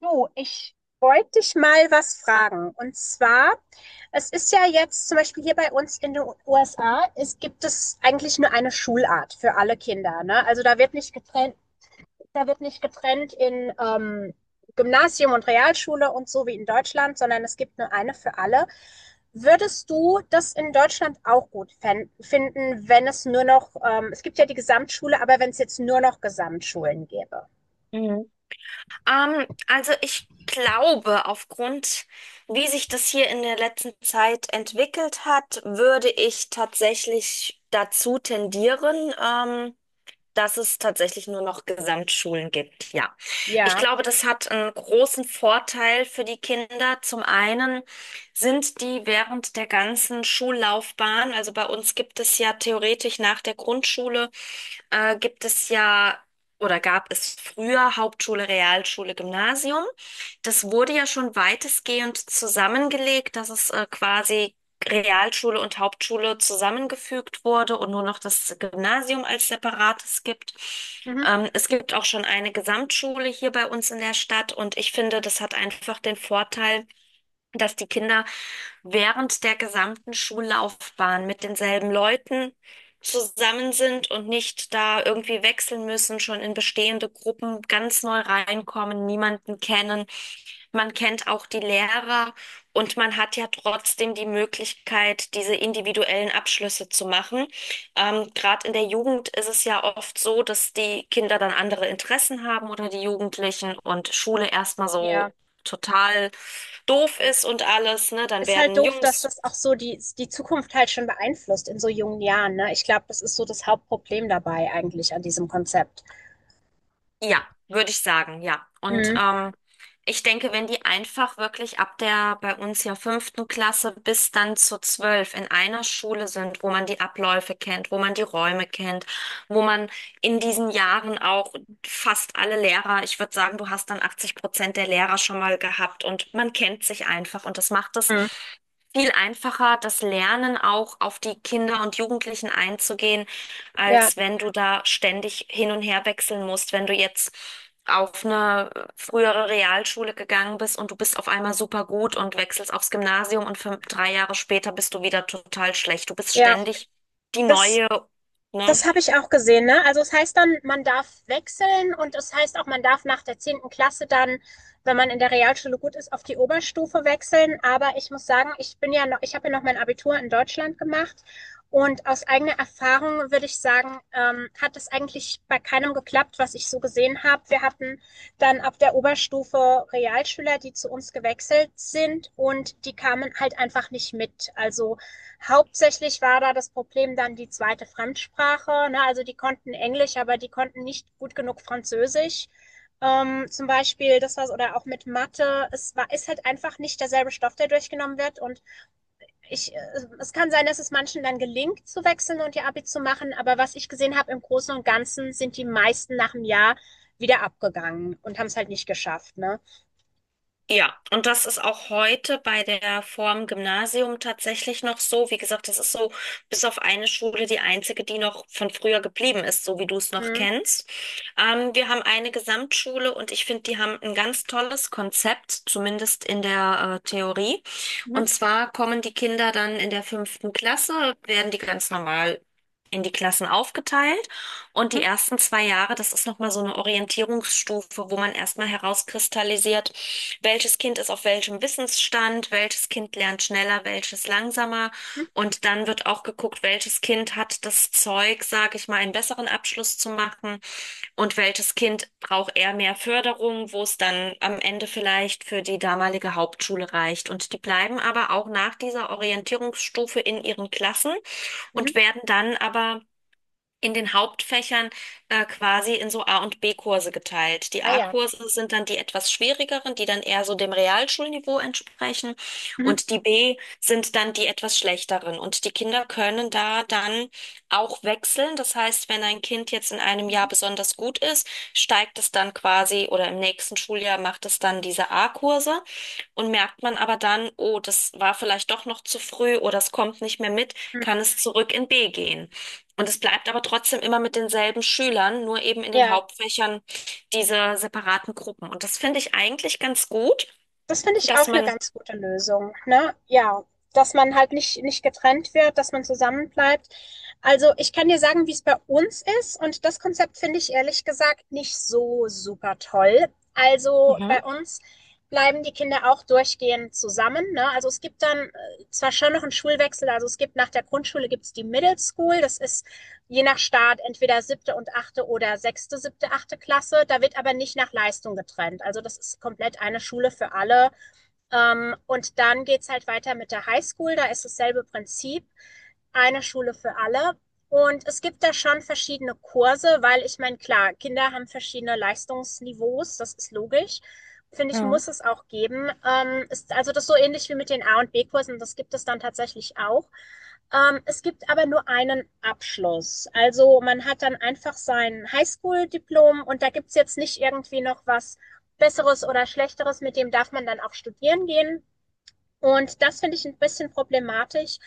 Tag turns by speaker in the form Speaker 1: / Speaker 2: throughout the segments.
Speaker 1: Du, ich wollte dich mal was fragen. Und zwar, es ist ja jetzt zum Beispiel hier bei uns in den USA, es gibt es eigentlich nur eine Schulart für alle Kinder, ne? Also da wird nicht getrennt, da wird nicht getrennt in Gymnasium und Realschule und so wie in Deutschland, sondern es gibt nur eine für alle. Würdest du das in Deutschland auch gut finden, wenn es nur noch, es gibt ja die Gesamtschule, aber wenn es jetzt nur noch Gesamtschulen gäbe?
Speaker 2: Mhm. Also ich glaube, aufgrund, wie sich das hier in der letzten Zeit entwickelt hat, würde ich tatsächlich dazu tendieren. Dass es tatsächlich nur noch Gesamtschulen gibt, ja. Ich
Speaker 1: Ja,
Speaker 2: glaube, das hat einen großen Vorteil für die Kinder. Zum einen sind die während der ganzen Schullaufbahn, also bei uns gibt es ja theoretisch nach der Grundschule, gibt es ja oder gab es früher Hauptschule, Realschule, Gymnasium. Das wurde ja schon weitestgehend zusammengelegt, dass es quasi Realschule und Hauptschule zusammengefügt wurde und nur noch das Gymnasium als separates gibt.
Speaker 1: mhm,
Speaker 2: Es gibt auch schon eine Gesamtschule hier bei uns in der Stadt und ich finde, das hat einfach den Vorteil, dass die Kinder während der gesamten Schullaufbahn mit denselben Leuten zusammen sind und nicht da irgendwie wechseln müssen, schon in bestehende Gruppen ganz neu reinkommen, niemanden kennen. Man kennt auch die Lehrer und man hat ja trotzdem die Möglichkeit, diese individuellen Abschlüsse zu machen. Gerade in der Jugend ist es ja oft so, dass die Kinder dann andere Interessen haben oder die Jugendlichen und Schule erstmal
Speaker 1: ja,
Speaker 2: so total doof
Speaker 1: ja.
Speaker 2: ist und alles, ne? Dann
Speaker 1: Ist halt
Speaker 2: werden
Speaker 1: doof, dass
Speaker 2: Jungs.
Speaker 1: das auch so die Zukunft halt schon beeinflusst in so jungen Jahren, ne? Ich glaube, das ist so das Hauptproblem dabei eigentlich an diesem Konzept.
Speaker 2: Ja, würde ich sagen, ja. Und
Speaker 1: Mhm.
Speaker 2: ähm, ich denke, wenn die einfach wirklich ab der bei uns ja fünften Klasse bis dann zu zwölf in einer Schule sind, wo man die Abläufe kennt, wo man die Räume kennt, wo man in diesen Jahren auch fast alle Lehrer, ich würde sagen, du hast dann 80% der Lehrer schon mal gehabt und man kennt sich einfach und das macht es
Speaker 1: Mhm.
Speaker 2: viel einfacher, das Lernen auch auf die Kinder und Jugendlichen einzugehen,
Speaker 1: Ja,
Speaker 2: als wenn du da ständig hin und her wechseln musst, wenn du jetzt auf eine frühere Realschule gegangen bist und du bist auf einmal super gut und wechselst aufs Gymnasium und fünf, drei Jahre später bist du wieder total schlecht. Du bist
Speaker 1: ja.
Speaker 2: ständig die
Speaker 1: Das
Speaker 2: neue, ne?
Speaker 1: Das habe ich auch gesehen, ne? Also es heißt dann, man darf wechseln und es heißt auch, man darf nach der zehnten Klasse dann, wenn man in der Realschule gut ist, auf die Oberstufe wechseln. Aber ich muss sagen, ich habe ja noch mein Abitur in Deutschland gemacht und aus eigener Erfahrung würde ich sagen, hat es eigentlich bei keinem geklappt, was ich so gesehen habe. Wir hatten dann ab der Oberstufe Realschüler, die zu uns gewechselt sind und die kamen halt einfach nicht mit. Also hauptsächlich war da das Problem dann die zweite Fremdsprache. Ne? Also die konnten Englisch, aber die konnten nicht gut genug Französisch. Zum Beispiel, das war oder auch mit Mathe. Ist halt einfach nicht derselbe Stoff, der durchgenommen wird. Und ich, äh, es kann sein, dass es manchen dann gelingt, zu wechseln und ihr Abi zu machen. Aber was ich gesehen habe, im Großen und Ganzen sind die meisten nach einem Jahr wieder abgegangen und haben es halt nicht geschafft. Ne?
Speaker 2: Ja, und das ist auch heute bei der Form Gymnasium tatsächlich noch so. Wie gesagt, das ist so bis auf eine Schule die einzige, die noch von früher geblieben ist, so wie du es noch
Speaker 1: Mhm.
Speaker 2: kennst. Wir haben eine Gesamtschule und ich finde, die haben ein ganz tolles Konzept, zumindest in der Theorie.
Speaker 1: Mhm.
Speaker 2: Und zwar kommen die Kinder dann in der fünften Klasse, werden die ganz normal in die Klassen aufgeteilt. Und die
Speaker 1: Mhm.
Speaker 2: ersten zwei Jahre, das ist nochmal so eine Orientierungsstufe, wo man erstmal herauskristallisiert, welches Kind ist auf welchem Wissensstand, welches Kind lernt schneller, welches langsamer.
Speaker 1: Mhm.
Speaker 2: Und dann wird auch geguckt, welches Kind hat das Zeug, sage ich mal, einen besseren Abschluss zu machen und welches Kind braucht eher mehr Förderung, wo es dann am Ende vielleicht für die damalige Hauptschule reicht. Und die bleiben aber auch nach dieser Orientierungsstufe in ihren Klassen
Speaker 1: Mhm.
Speaker 2: und werden dann aber in den Hauptfächern quasi in so A- und B-Kurse geteilt. Die
Speaker 1: Ah ja.
Speaker 2: A-Kurse sind dann die etwas schwierigeren, die dann eher so dem Realschulniveau entsprechen.
Speaker 1: Mhm.
Speaker 2: Und die B sind dann die etwas schlechteren. Und die Kinder können da dann auch wechseln. Das heißt, wenn ein Kind jetzt in einem Jahr
Speaker 1: Mhm.
Speaker 2: besonders gut ist, steigt es dann quasi oder im nächsten Schuljahr macht es dann diese A-Kurse. Und merkt man aber dann, oh, das war vielleicht doch noch zu früh oder es kommt nicht mehr mit,
Speaker 1: Mhm.
Speaker 2: kann es zurück in B gehen. Und es bleibt aber trotzdem immer mit denselben Schülern, nur eben in den
Speaker 1: Ja.
Speaker 2: Hauptfächern diese separaten Gruppen. Und das finde ich eigentlich ganz gut,
Speaker 1: Das finde ich
Speaker 2: dass
Speaker 1: auch eine
Speaker 2: man.
Speaker 1: ganz gute Lösung, ne? Ja, dass man halt nicht getrennt wird, dass man zusammen bleibt. Also, ich kann dir sagen, wie es bei uns ist, und das Konzept finde ich ehrlich gesagt nicht so super toll. Also,
Speaker 2: Mhm.
Speaker 1: bei uns bleiben die Kinder auch durchgehend zusammen, ne? Also, es gibt dann, zwar schon noch einen Schulwechsel, also, es gibt nach der Grundschule gibt's die Middle School. Das ist je nach Staat entweder siebte und achte oder sechste, siebte, achte Klasse. Da wird aber nicht nach Leistung getrennt. Also, das ist komplett eine Schule für alle. Und dann geht's halt weiter mit der Highschool. Da ist dasselbe Prinzip. Eine Schule für alle. Und es gibt da schon verschiedene Kurse, weil ich meine, klar, Kinder haben verschiedene Leistungsniveaus, das ist logisch. Finde ich,
Speaker 2: Mhm.
Speaker 1: muss es auch geben. Ist also das so ähnlich wie mit den A- und B-Kursen, das gibt es dann tatsächlich auch. Es gibt aber nur einen Abschluss. Also man hat dann einfach sein Highschool-Diplom und da gibt's jetzt nicht irgendwie noch was Besseres oder Schlechteres, mit dem darf man dann auch studieren gehen. Und das finde ich ein bisschen problematisch,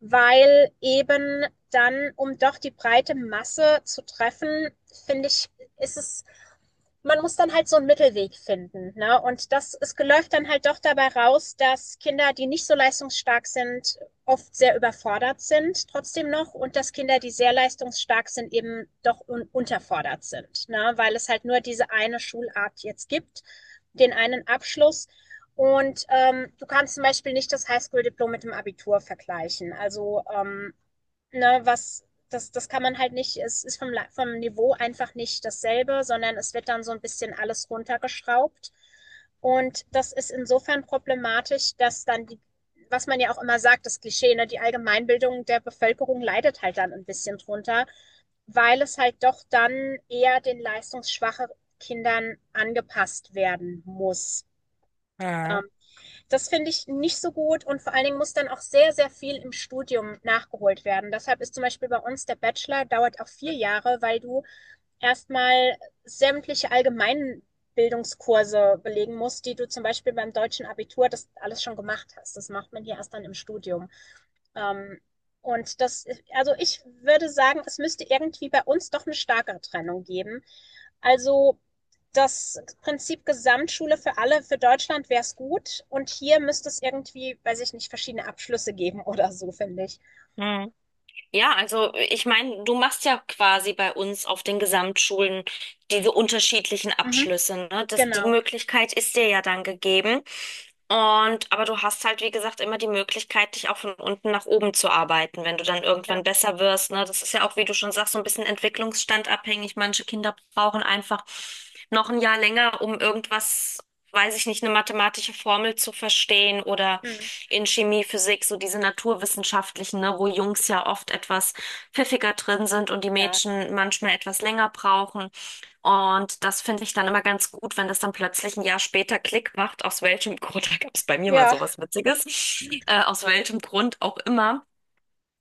Speaker 1: weil eben dann, um doch die breite Masse zu treffen, finde ich, ist es, man muss dann halt so einen Mittelweg finden. Ne? Und es läuft dann halt doch dabei raus, dass Kinder, die nicht so leistungsstark sind, oft sehr überfordert sind, trotzdem noch, und dass Kinder, die sehr leistungsstark sind, eben doch un unterfordert sind, ne? Weil es halt nur diese eine Schulart jetzt gibt, den einen Abschluss, und du kannst zum Beispiel nicht das Highschool-Diplom mit dem Abitur vergleichen. Also, ne, was, das kann man halt nicht, es ist vom Niveau einfach nicht dasselbe, sondern es wird dann so ein bisschen alles runtergeschraubt. Und das ist insofern problematisch, dass dann was man ja auch immer sagt, das Klischee, ne, die Allgemeinbildung der Bevölkerung leidet halt dann ein bisschen drunter, weil es halt doch dann eher den leistungsschwachen Kindern angepasst werden muss.
Speaker 2: Mhm.
Speaker 1: Ähm, das finde ich nicht so gut, und vor allen Dingen muss dann auch sehr, sehr viel im Studium nachgeholt werden. Deshalb ist zum Beispiel bei uns der Bachelor dauert auch vier Jahre, weil du erstmal sämtliche allgemeinen Bildungskurse belegen musst, die du zum Beispiel beim deutschen Abitur das alles schon gemacht hast. Das macht man hier erst dann im Studium. Ähm, und das, also ich würde sagen, es müsste irgendwie bei uns doch eine starke Trennung geben. Also das Prinzip Gesamtschule für alle, für Deutschland wäre es gut. Und hier müsste es irgendwie, weiß ich nicht, verschiedene Abschlüsse geben oder so, finde ich.
Speaker 2: Mhm. Ja, also ich meine, du machst ja quasi bei uns auf den Gesamtschulen diese unterschiedlichen
Speaker 1: Mhm,
Speaker 2: Abschlüsse, ne? Das, die
Speaker 1: genau.
Speaker 2: Möglichkeit ist dir ja dann gegeben. Und aber du hast halt, wie gesagt, immer die Möglichkeit, dich auch von unten nach oben zu arbeiten, wenn du dann
Speaker 1: Ja.
Speaker 2: irgendwann besser wirst, ne? Das ist ja auch, wie du schon sagst, so ein bisschen entwicklungsstandabhängig. Manche Kinder brauchen einfach noch ein Jahr länger, um irgendwas, weiß ich nicht, eine mathematische Formel zu verstehen oder
Speaker 1: Mhm.
Speaker 2: in Chemie, Physik, so diese naturwissenschaftlichen, ne, wo Jungs ja oft etwas pfiffiger drin sind und die
Speaker 1: Ja.
Speaker 2: Mädchen manchmal etwas länger brauchen. Und das finde ich dann immer ganz gut, wenn das dann plötzlich ein Jahr später Klick macht, aus welchem Grund, da gab es bei mir mal
Speaker 1: Ja.
Speaker 2: sowas Witziges, aus welchem Grund auch immer,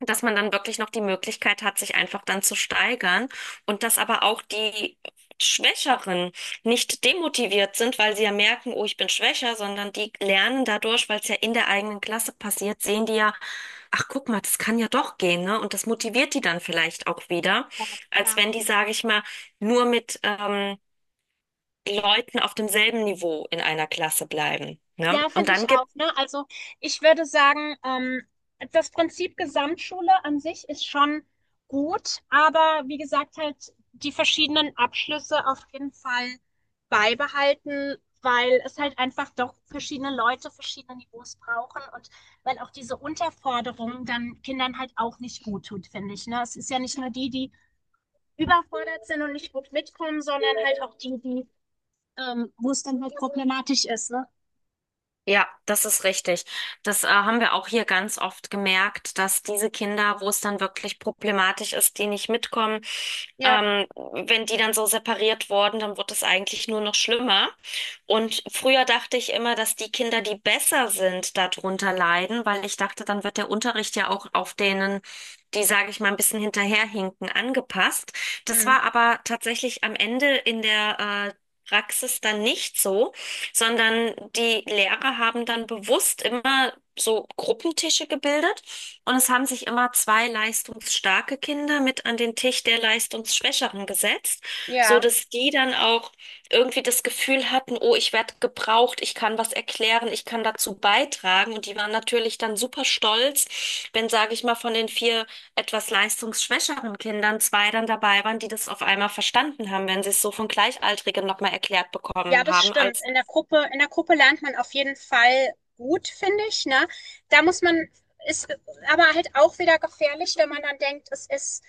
Speaker 2: dass man dann wirklich noch die Möglichkeit hat, sich einfach dann zu steigern und dass aber auch die Schwächeren nicht demotiviert sind, weil sie ja merken, oh, ich bin schwächer, sondern die lernen dadurch, weil es ja in der eigenen Klasse passiert, sehen die ja, ach guck mal, das kann ja doch gehen, ne? Und das motiviert die dann vielleicht auch wieder, als
Speaker 1: Ja.
Speaker 2: wenn die, sage ich mal, nur mit Leuten auf demselben Niveau in einer Klasse bleiben. Ne?
Speaker 1: Ja,
Speaker 2: Und
Speaker 1: finde
Speaker 2: dann
Speaker 1: ich auch,
Speaker 2: gibt's.
Speaker 1: ne? Also ich würde sagen, das Prinzip Gesamtschule an sich ist schon gut, aber wie gesagt, halt die verschiedenen Abschlüsse auf jeden Fall beibehalten, weil es halt einfach doch verschiedene Leute, verschiedene Niveaus brauchen, und weil auch diese Unterforderung dann Kindern halt auch nicht gut tut, finde ich, ne? Es ist ja nicht nur die überfordert sind und nicht gut mitkommen, sondern halt auch wo es dann halt problematisch ist, ne?
Speaker 2: Ja, das ist richtig. Das haben wir auch hier ganz oft gemerkt, dass diese Kinder, wo es dann wirklich problematisch ist, die nicht mitkommen,
Speaker 1: Ja.
Speaker 2: wenn die dann so separiert wurden, dann wird es eigentlich nur noch schlimmer. Und früher dachte ich immer, dass die Kinder, die besser sind, darunter leiden, weil ich dachte, dann wird der Unterricht ja auch auf denen, die, sage ich mal, ein bisschen hinterherhinken, angepasst. Das
Speaker 1: Hm.
Speaker 2: war aber tatsächlich am Ende in der Praxis dann nicht so, sondern die Lehrer haben dann bewusst immer so Gruppentische gebildet und es haben sich immer zwei leistungsstarke Kinder mit an den Tisch der leistungsschwächeren gesetzt, so
Speaker 1: Ja.
Speaker 2: dass die dann auch irgendwie das Gefühl hatten, oh, ich werde gebraucht, ich kann was erklären, ich kann dazu beitragen. Und die waren natürlich dann super stolz, wenn, sage ich mal, von den vier etwas leistungsschwächeren Kindern zwei dann dabei waren, die das auf einmal verstanden haben, wenn sie es so von Gleichaltrigen nochmal erklärt
Speaker 1: Ja,
Speaker 2: bekommen
Speaker 1: das
Speaker 2: haben,
Speaker 1: stimmt.
Speaker 2: als.
Speaker 1: In der Gruppe lernt man auf jeden Fall gut, finde ich, ne? Da muss man, ist Aber halt auch wieder gefährlich, wenn man dann denkt,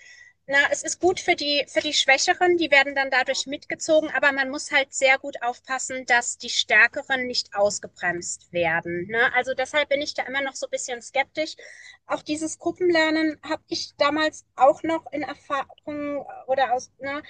Speaker 1: na, es ist gut für für die Schwächeren, die werden dann dadurch mitgezogen, aber man muss halt sehr gut aufpassen, dass die Stärkeren nicht ausgebremst werden, ne? Also deshalb bin ich da immer noch so ein bisschen skeptisch. Auch dieses Gruppenlernen habe ich damals auch noch in Erfahrung oder aus, ne?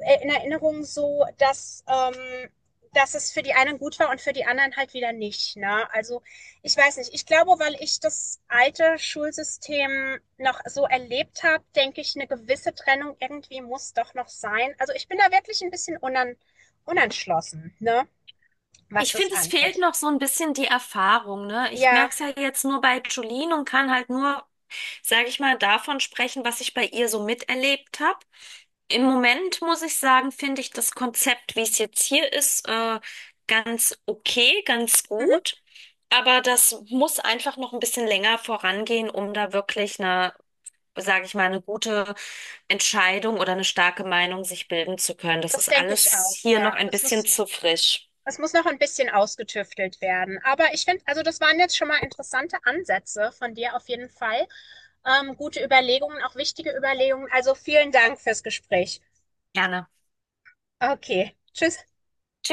Speaker 1: In Erinnerung so, dass es für die einen gut war und für die anderen halt wieder nicht. Ne? Also ich weiß nicht. Ich glaube, weil ich das alte Schulsystem noch so erlebt habe, denke ich, eine gewisse Trennung irgendwie muss doch noch sein. Also ich bin da wirklich ein bisschen unan unentschlossen, ne? Was
Speaker 2: Ich
Speaker 1: das
Speaker 2: finde, es fehlt
Speaker 1: angeht.
Speaker 2: noch so ein bisschen die Erfahrung, ne? Ich
Speaker 1: Ja,
Speaker 2: merke es ja jetzt nur bei Jolene und kann halt nur, sage ich mal, davon sprechen, was ich bei ihr so miterlebt habe. Im Moment muss ich sagen, finde ich das Konzept, wie es jetzt hier ist, ganz okay, ganz
Speaker 1: mhm,
Speaker 2: gut. Aber das muss einfach noch ein bisschen länger vorangehen, um da wirklich eine, sage ich mal, eine gute Entscheidung oder eine starke Meinung sich bilden zu können. Das
Speaker 1: das
Speaker 2: ist
Speaker 1: denke ich
Speaker 2: alles
Speaker 1: auch.
Speaker 2: hier noch
Speaker 1: Ja,
Speaker 2: ein
Speaker 1: das
Speaker 2: bisschen
Speaker 1: muss
Speaker 2: zu frisch.
Speaker 1: Es muss noch ein bisschen ausgetüftelt werden. Aber ich finde, also das waren jetzt schon mal interessante Ansätze von dir auf jeden Fall. Gute Überlegungen, auch wichtige Überlegungen. Also vielen Dank fürs Gespräch.
Speaker 2: Gerne.
Speaker 1: Okay, tschüss.
Speaker 2: Tschüss.